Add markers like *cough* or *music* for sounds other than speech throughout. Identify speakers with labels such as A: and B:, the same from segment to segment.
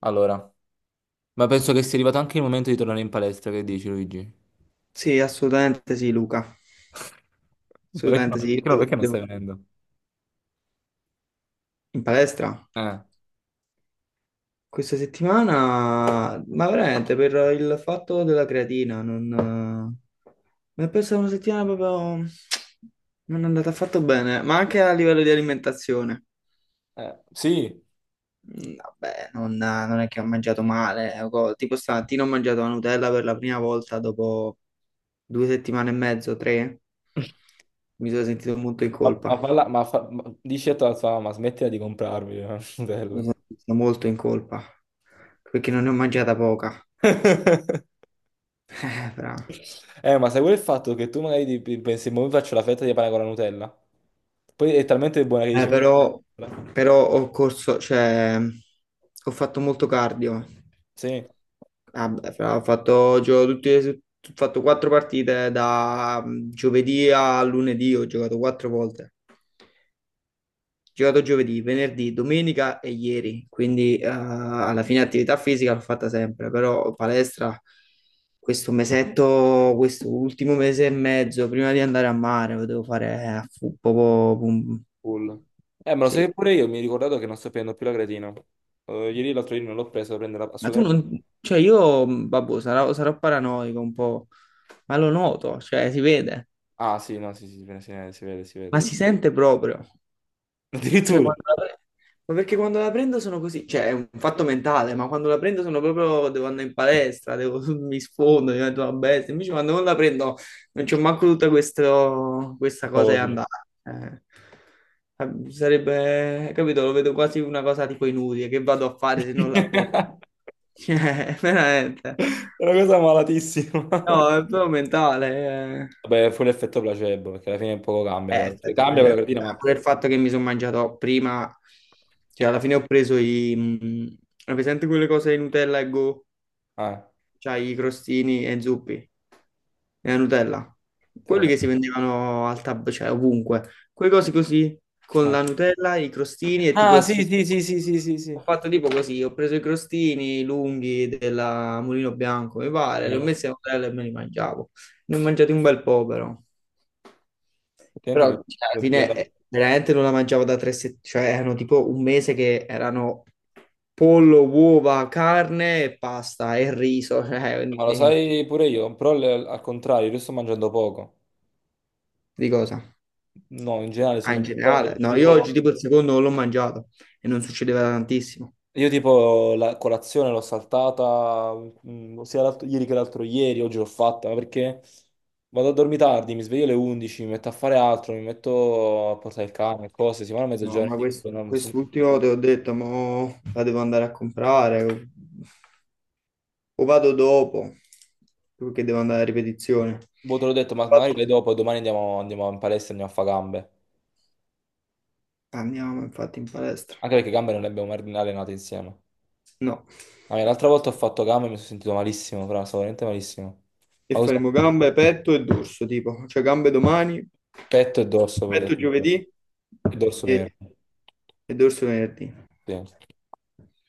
A: Allora, ma penso che sia arrivato anche il momento di tornare in palestra, che dici, Luigi?
B: Sì, assolutamente sì, Luca.
A: Ma perché no?
B: Assolutamente sì.
A: Perché
B: Io
A: no? Perché non stai venendo?
B: in palestra
A: Eh,
B: questa settimana, ma veramente per il fatto della creatina, non... mi è persa una settimana proprio... Non è andata affatto bene, ma anche a livello di alimentazione.
A: sì,
B: Vabbè, non è che ho mangiato male. Tipo stamattina ho mangiato la Nutella per la prima volta dopo due settimane e mezzo, tre. Mi sono sentito molto in colpa.
A: dici a tua mamma, ma smettila di comprarmi *laughs* Nutella.
B: Mi sento molto in colpa perché non ne ho mangiata poca.
A: *laughs*
B: *laughs*
A: Ma sai pure il fatto che tu magari ti pensi, ma mi faccio la fetta di pane con la Nutella? Poi è talmente buona che dici... "Ma-
B: Però- però ho corso, cioè, ho fatto molto cardio.
A: sì,
B: Ah, beh, ho fatto quattro partite da giovedì a lunedì, ho giocato quattro volte. Giocato giovedì, venerdì, domenica e ieri, quindi alla fine attività fisica l'ho fatta sempre, però palestra questo mesetto, questo ultimo mese e mezzo, prima di andare a mare, lo devo fare a pum.
A: full. Ma lo
B: Sì,
A: sai pure io, mi ho ricordato che non sto prendendo più la creatina. Ieri l'altro ieri non l'ho presa, devo prendere
B: ma tu
A: assolutamente...
B: non... Cioè io, vabbè, sarò paranoico un po', ma lo noto, cioè si vede,
A: Ah, sì, no, sì, sì, si vede, si vede, si vede.
B: ma si sente proprio. Cioè,
A: Addirittura,
B: ma perché quando la prendo sono così, cioè è un fatto mentale, ma quando la prendo sono proprio, devo andare in palestra, devo- *laughs* mi sfondo, divento una bestia, invece quando non la prendo non c'ho manco tutta questa
A: la
B: cosa di
A: voglio.
B: andare. Eh, sarebbe, capito, lo vedo quasi una cosa tipo inutile, che vado a fare se non la prendo?
A: *laughs*
B: *laughs* Cioè, veramente.
A: È una cosa malatissima.
B: No, è proprio mentale. Eh.
A: Vabbè, fu l'effetto placebo, perché alla fine poco cambia. Cioè,
B: Effetto
A: cambia quella
B: placebo.
A: creatina, ma...
B: Pure il fatto che mi sono mangiato prima, cioè alla fine ho preso hai presente quelle cose di Nutella e Go?
A: eh,
B: Cioè i crostini e zuppi e la Nutella.
A: te lo
B: Quelli
A: so,
B: che si vendevano al tab, cioè ovunque. Quelle cose così, con
A: eh.
B: la Nutella, i crostini e tipo
A: Ah,
B: il
A: sì,
B: succo.
A: sì, sì, sì, sì, sì,
B: Ho
A: sì.
B: fatto tipo così, ho preso i crostini lunghi della Mulino Bianco, mi pare, li ho
A: No.
B: messi a Nutella e me li mangiavo. Ne ho mangiati un bel po' però.
A: Effettivamente
B: Però cioè, alla
A: dovrebbe
B: fine
A: andare.
B: veramente non la mangiavo da tre settimane, cioè erano tipo un mese che erano pollo, uova, carne e pasta e riso, *laughs* cioè,
A: Ma lo
B: quindi,
A: sai pure io, però al contrario, io sto mangiando poco.
B: di cosa?
A: No, in generale sto
B: Ah, in
A: mangiando poco.
B: generale. No, io
A: Tipo...
B: oggi tipo il secondo non l'ho mangiato e non succedeva da tantissimo.
A: Io tipo la colazione l'ho saltata sia ieri che l'altro ieri, oggi l'ho fatta ma perché vado a dormire tardi, mi sveglio alle 11, mi metto a fare altro, mi metto a portare il cane, cose, si vanno a
B: No,
A: mezzogiorno
B: ma
A: e dico, no, mi sono...
B: quest'ultimo te ho detto, mo la devo andare a comprare o vado dopo, perché devo andare a ripetizione.
A: Boh, te l'ho detto, ma magari
B: Vado-
A: vai dopo e domani andiamo, andiamo in palestra e andiamo a fare gambe.
B: Andiamo infatti in palestra.
A: Anche perché gambe non le abbiamo mai allenate insieme.
B: No.
A: Ah, l'altra volta ho fatto gambe e mi sono sentito malissimo, fra, stavo veramente malissimo.
B: E
A: Ma cos'è?
B: faremo gambe, petto e dorso, tipo, cioè gambe domani,
A: Petto e dorso poi.
B: petto giovedì
A: E dorso meno.
B: e, e dorso venerdì.
A: Sì,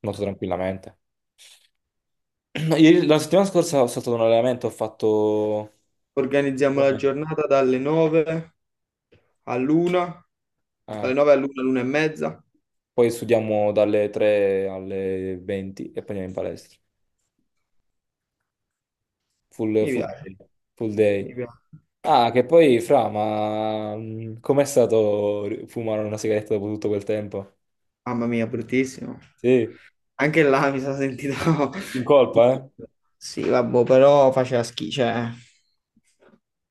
A: molto tranquillamente. No, la settimana scorsa ho saltato un allenamento, ho fatto...
B: Organizziamo la
A: allenamento.
B: giornata dalle 9 all'una, dalle
A: Ah,
B: 9 all'una, all'una e mezza.
A: poi studiamo dalle 3 alle 20 e poi andiamo in palestra. Full,
B: Mi
A: full
B: piace,
A: day. Full
B: mi
A: day.
B: piace.
A: Ah, che poi, Fra, ma com'è stato fumare una sigaretta dopo tutto quel tempo?
B: Mamma mia, bruttissimo.
A: Sì,
B: Anche là mi sono sentito...
A: in colpa,
B: *laughs*
A: eh?
B: Sì, vabbè, però faceva schifo, cioè,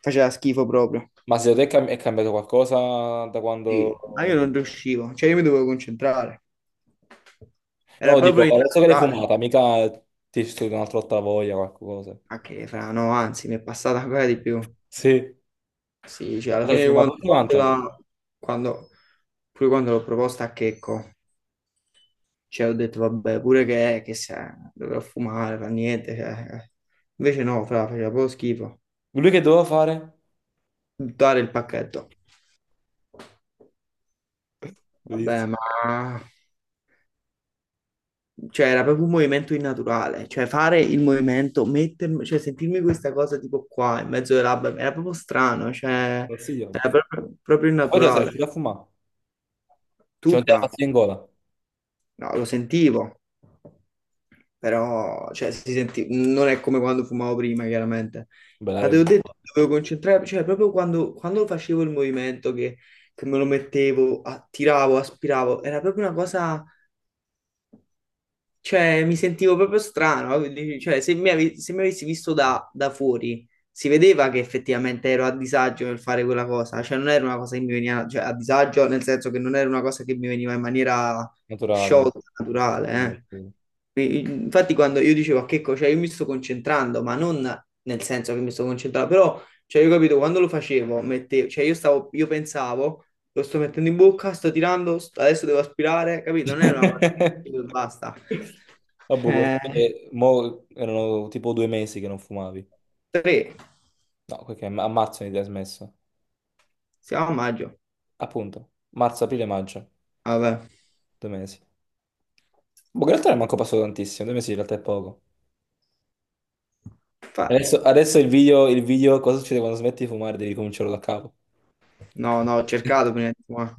B: faceva schifo proprio.
A: Ma secondo te è è cambiato qualcosa da
B: Sì, ma io
A: quando...
B: non riuscivo, cioè io mi dovevo concentrare,
A: No,
B: era
A: dico,
B: proprio
A: adesso che l'hai
B: innaturale.
A: fumata, mica ti è uscita un'altra volta la voglia, qualcosa.
B: Ah, che fra, no, anzi, mi è passata ancora di più.
A: Sì.
B: Sì, cioè alla
A: Ma l'hai
B: fine
A: fumata
B: quando ho
A: tutta
B: fatto
A: quanta?
B: la... quando... pure quando l'ho proposta a Checco, cioè ho detto vabbè, pure che se dovrò fumare, fa niente, cioè. Eh." Invece no, fra, faceva proprio schifo.
A: Lui che doveva fare?
B: Buttare il pacchetto.
A: Lo
B: Vabbè,
A: dici,
B: ma... Cioè, era proprio un movimento innaturale, cioè fare il movimento, mettermi, cioè sentirmi questa cosa tipo qua, in mezzo alle labbra, era proprio strano, cioè,
A: consigliamo.
B: era proprio
A: Ma poi te la sei
B: innaturale.
A: riuscito a fumare? Cioè non te la
B: Tutta,
A: passi in gola?
B: no, lo sentivo, però, cioè, si senti... non è come quando fumavo prima, chiaramente.
A: Bella
B: Ma te l'ho
A: roba,
B: detto, dovevo concentrare, cioè, proprio quando facevo il movimento, che me lo mettevo, attiravo, aspiravo, era proprio una cosa. Cioè, mi sentivo proprio strano, quindi, cioè, se mi, se mi avessi visto da fuori, si vedeva che effettivamente ero a disagio nel fare quella cosa, cioè non era una cosa che mi veniva, cioè, a disagio nel senso che non era una cosa che mi veniva in maniera
A: naturale.
B: sciolta, naturale, eh. Infatti, quando io dicevo a Checco, cioè io mi sto concentrando, ma non nel senso che mi sto concentrando, però, cioè, io capito, quando lo facevo, mettevo, cioè io stavo, io pensavo, lo sto mettendo in bocca, sto tirando, st- adesso devo aspirare, capito? Non è una cosa che dico e
A: *laughs*
B: basta.
A: Vabbè,
B: Eh,
A: mo erano tipo due mesi che non fumavi.
B: tre,
A: No, perché a marzo mi hai smesso.
B: siamo a maggio,
A: Appunto, marzo, aprile, maggio,
B: vabbè,
A: due mesi. Boh, in realtà non è manco passato tantissimo, due mesi in realtà è poco.
B: infatti.
A: Adesso il video, cosa succede quando smetti di fumare? Devi cominciarlo da capo.
B: No, no, ho cercato prima, di- ma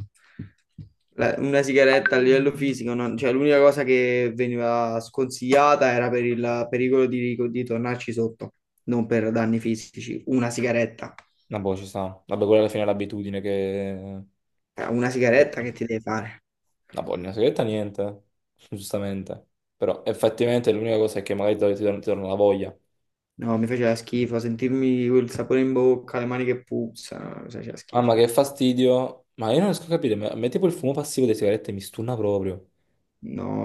B: una sigaretta a livello fisico, non- cioè, l'unica cosa che veniva sconsigliata era per il pericolo di tornarci sotto, non per danni fisici. Una sigaretta,
A: No, boh, ci sta. Vabbè, quella alla fine è l'abitudine che...
B: eh, una sigaretta che ti deve fare?
A: La pollina segreta niente, giustamente. Però effettivamente l'unica cosa è che magari ti torna la voglia.
B: No, mi faceva schifo, sentirmi quel sapore in bocca, le mani che puzzano, mi faceva schifo.
A: Mamma che fastidio. Ma io non riesco a capire, a me tipo il fumo passivo delle sigarette mi stunna proprio.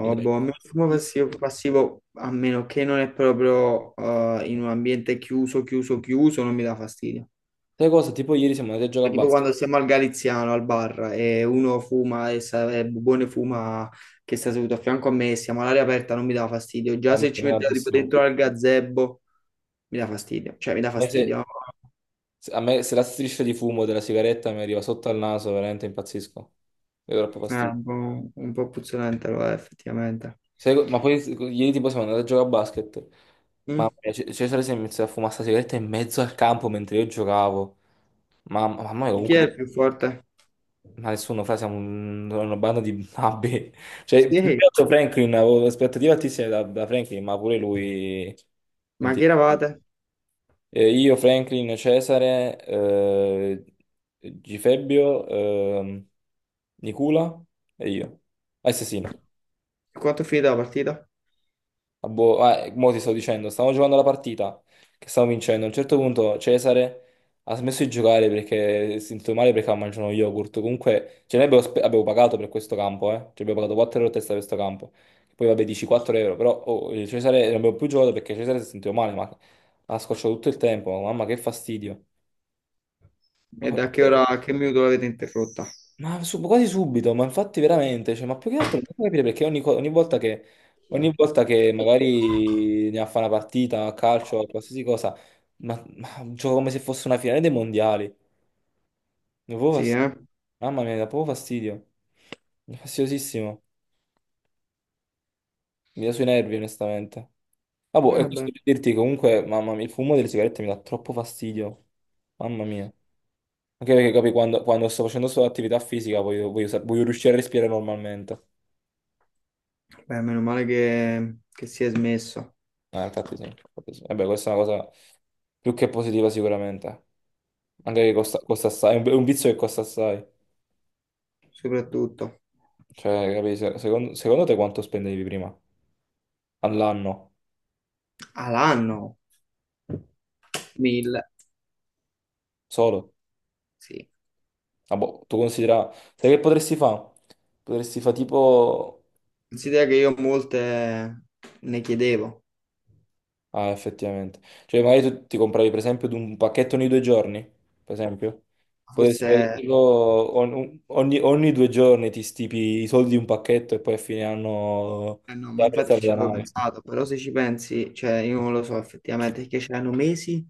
A: Mi dà
B: boh, a me il fumo
A: fastidio.
B: passivo, a meno che non è proprio in un ambiente chiuso, non mi dà fastidio.
A: Sai cosa? Tipo ieri siamo andati a giocare a
B: Tipo
A: basket.
B: quando siamo al Galiziano, al bar, e uno fuma e Bubone fuma che sta seduto a fianco a me, siamo all'aria aperta, non mi dà fastidio. Già
A: Oh, mi
B: se ci
A: piace
B: metteva tipo
A: tantissimo.
B: dentro al gazebo, mi dà fastidio. Cioè, mi dà
A: A me
B: fastidio.
A: a me se la striscia di fumo della sigaretta mi arriva sotto al naso, veramente impazzisco. Mi dà troppo
B: È
A: fastidio.
B: un un po' puzzolente, lo è, effettivamente.
A: Ma poi ieri tipo siamo andati a giocare a basket. Mamma
B: Mm.
A: mia, Cesare si è iniziato a fumare sta sigaretta in mezzo al campo mentre io giocavo. Mamma, mamma mia,
B: E chi
A: comunque
B: è il più forte?
A: ma nessuno fa, siamo una banda di babbe. Cioè, più
B: Sì,
A: che altro Franklin, avevo aspettative altissime da Franklin, ma pure lui...
B: ma chi
A: senti.
B: eravate?
A: Io, Franklin, Cesare, Gifebbio, Nicola e io. Assassino.
B: Quanto è finita la partita?
A: Ah, boh, ah, mo ti sto dicendo, stavamo giocando la partita che stavamo vincendo. A un certo punto Cesare ha smesso di giocare perché si è sentito male perché aveva mangiato uno yogurt. Comunque, ce ne abbiamo, abbiamo pagato per questo campo, eh. Ci abbiamo pagato 4 euro a testa per questo campo. Poi vabbè, dici 4 euro, però oh, Cesare non abbiamo più giocato perché Cesare si è sentito male, ma ha scocciato tutto il tempo. Mamma, che fastidio.
B: E da che ora, a che minuto l'avete interrotta?
A: Quasi subito, ma infatti veramente, cioè, ma più che altro non posso capire perché ogni volta che magari ne fa una partita a calcio, a qualsiasi cosa, ma gioco come se fosse una finale dei mondiali. Mi dà proprio
B: Sì,
A: fastidio.
B: eh?
A: Mamma mia, mi dà proprio fastidio. È fastidiosissimo. Mi dà sui nervi, onestamente. Ah, boh, e
B: Beh,
A: questo per dirti comunque, mamma mia, il fumo delle sigarette mi dà troppo fastidio. Mamma mia. Anche perché capi, quando sto facendo solo attività fisica voglio, voglio riuscire a respirare normalmente.
B: beh, meno male che si è smesso.
A: Infatti sì, infatti sì. Vabbè, questa è una cosa più che positiva sicuramente. Anche che costa, costa assai, è un vizio che costa assai.
B: Soprattutto
A: Cioè, capi, secondo te quanto spendevi prima? All'anno?
B: all'anno. Mille,
A: Solo?
B: sì.
A: Ah, boh, tu considera... Sai che potresti fare? Potresti fare tipo...
B: Considera che io molte ne chiedevo,
A: Ah, effettivamente. Cioè, magari tu ti compravi, per esempio, di un pacchetto ogni due giorni, per esempio. Potresti
B: forse
A: averlo ogni, ogni due giorni ti stipi i soldi di un pacchetto e poi a fine anno
B: eh no,
A: ti
B: ma
A: apri
B: infatti
A: e
B: ci
A: da
B: avevo
A: male.
B: pensato, però se ci pensi, cioè io non lo so effettivamente, perché c'erano mesi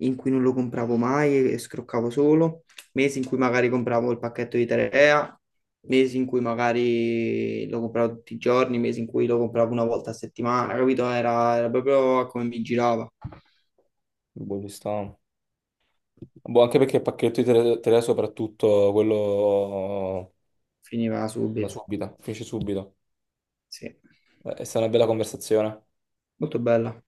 B: in cui non lo compravo mai e scroccavo solo, mesi in cui magari compravo il pacchetto di Terea, mesi in cui magari lo compravo tutti i giorni, mesi in cui lo compravo una volta a settimana, capito? Era proprio come mi girava,
A: Boh, ci sta. Boh, anche perché il pacchetto di tele, tele soprattutto quello
B: finiva
A: da
B: subito,
A: subito, finisce subito.
B: sì.
A: È stata una bella conversazione.
B: Molto bella.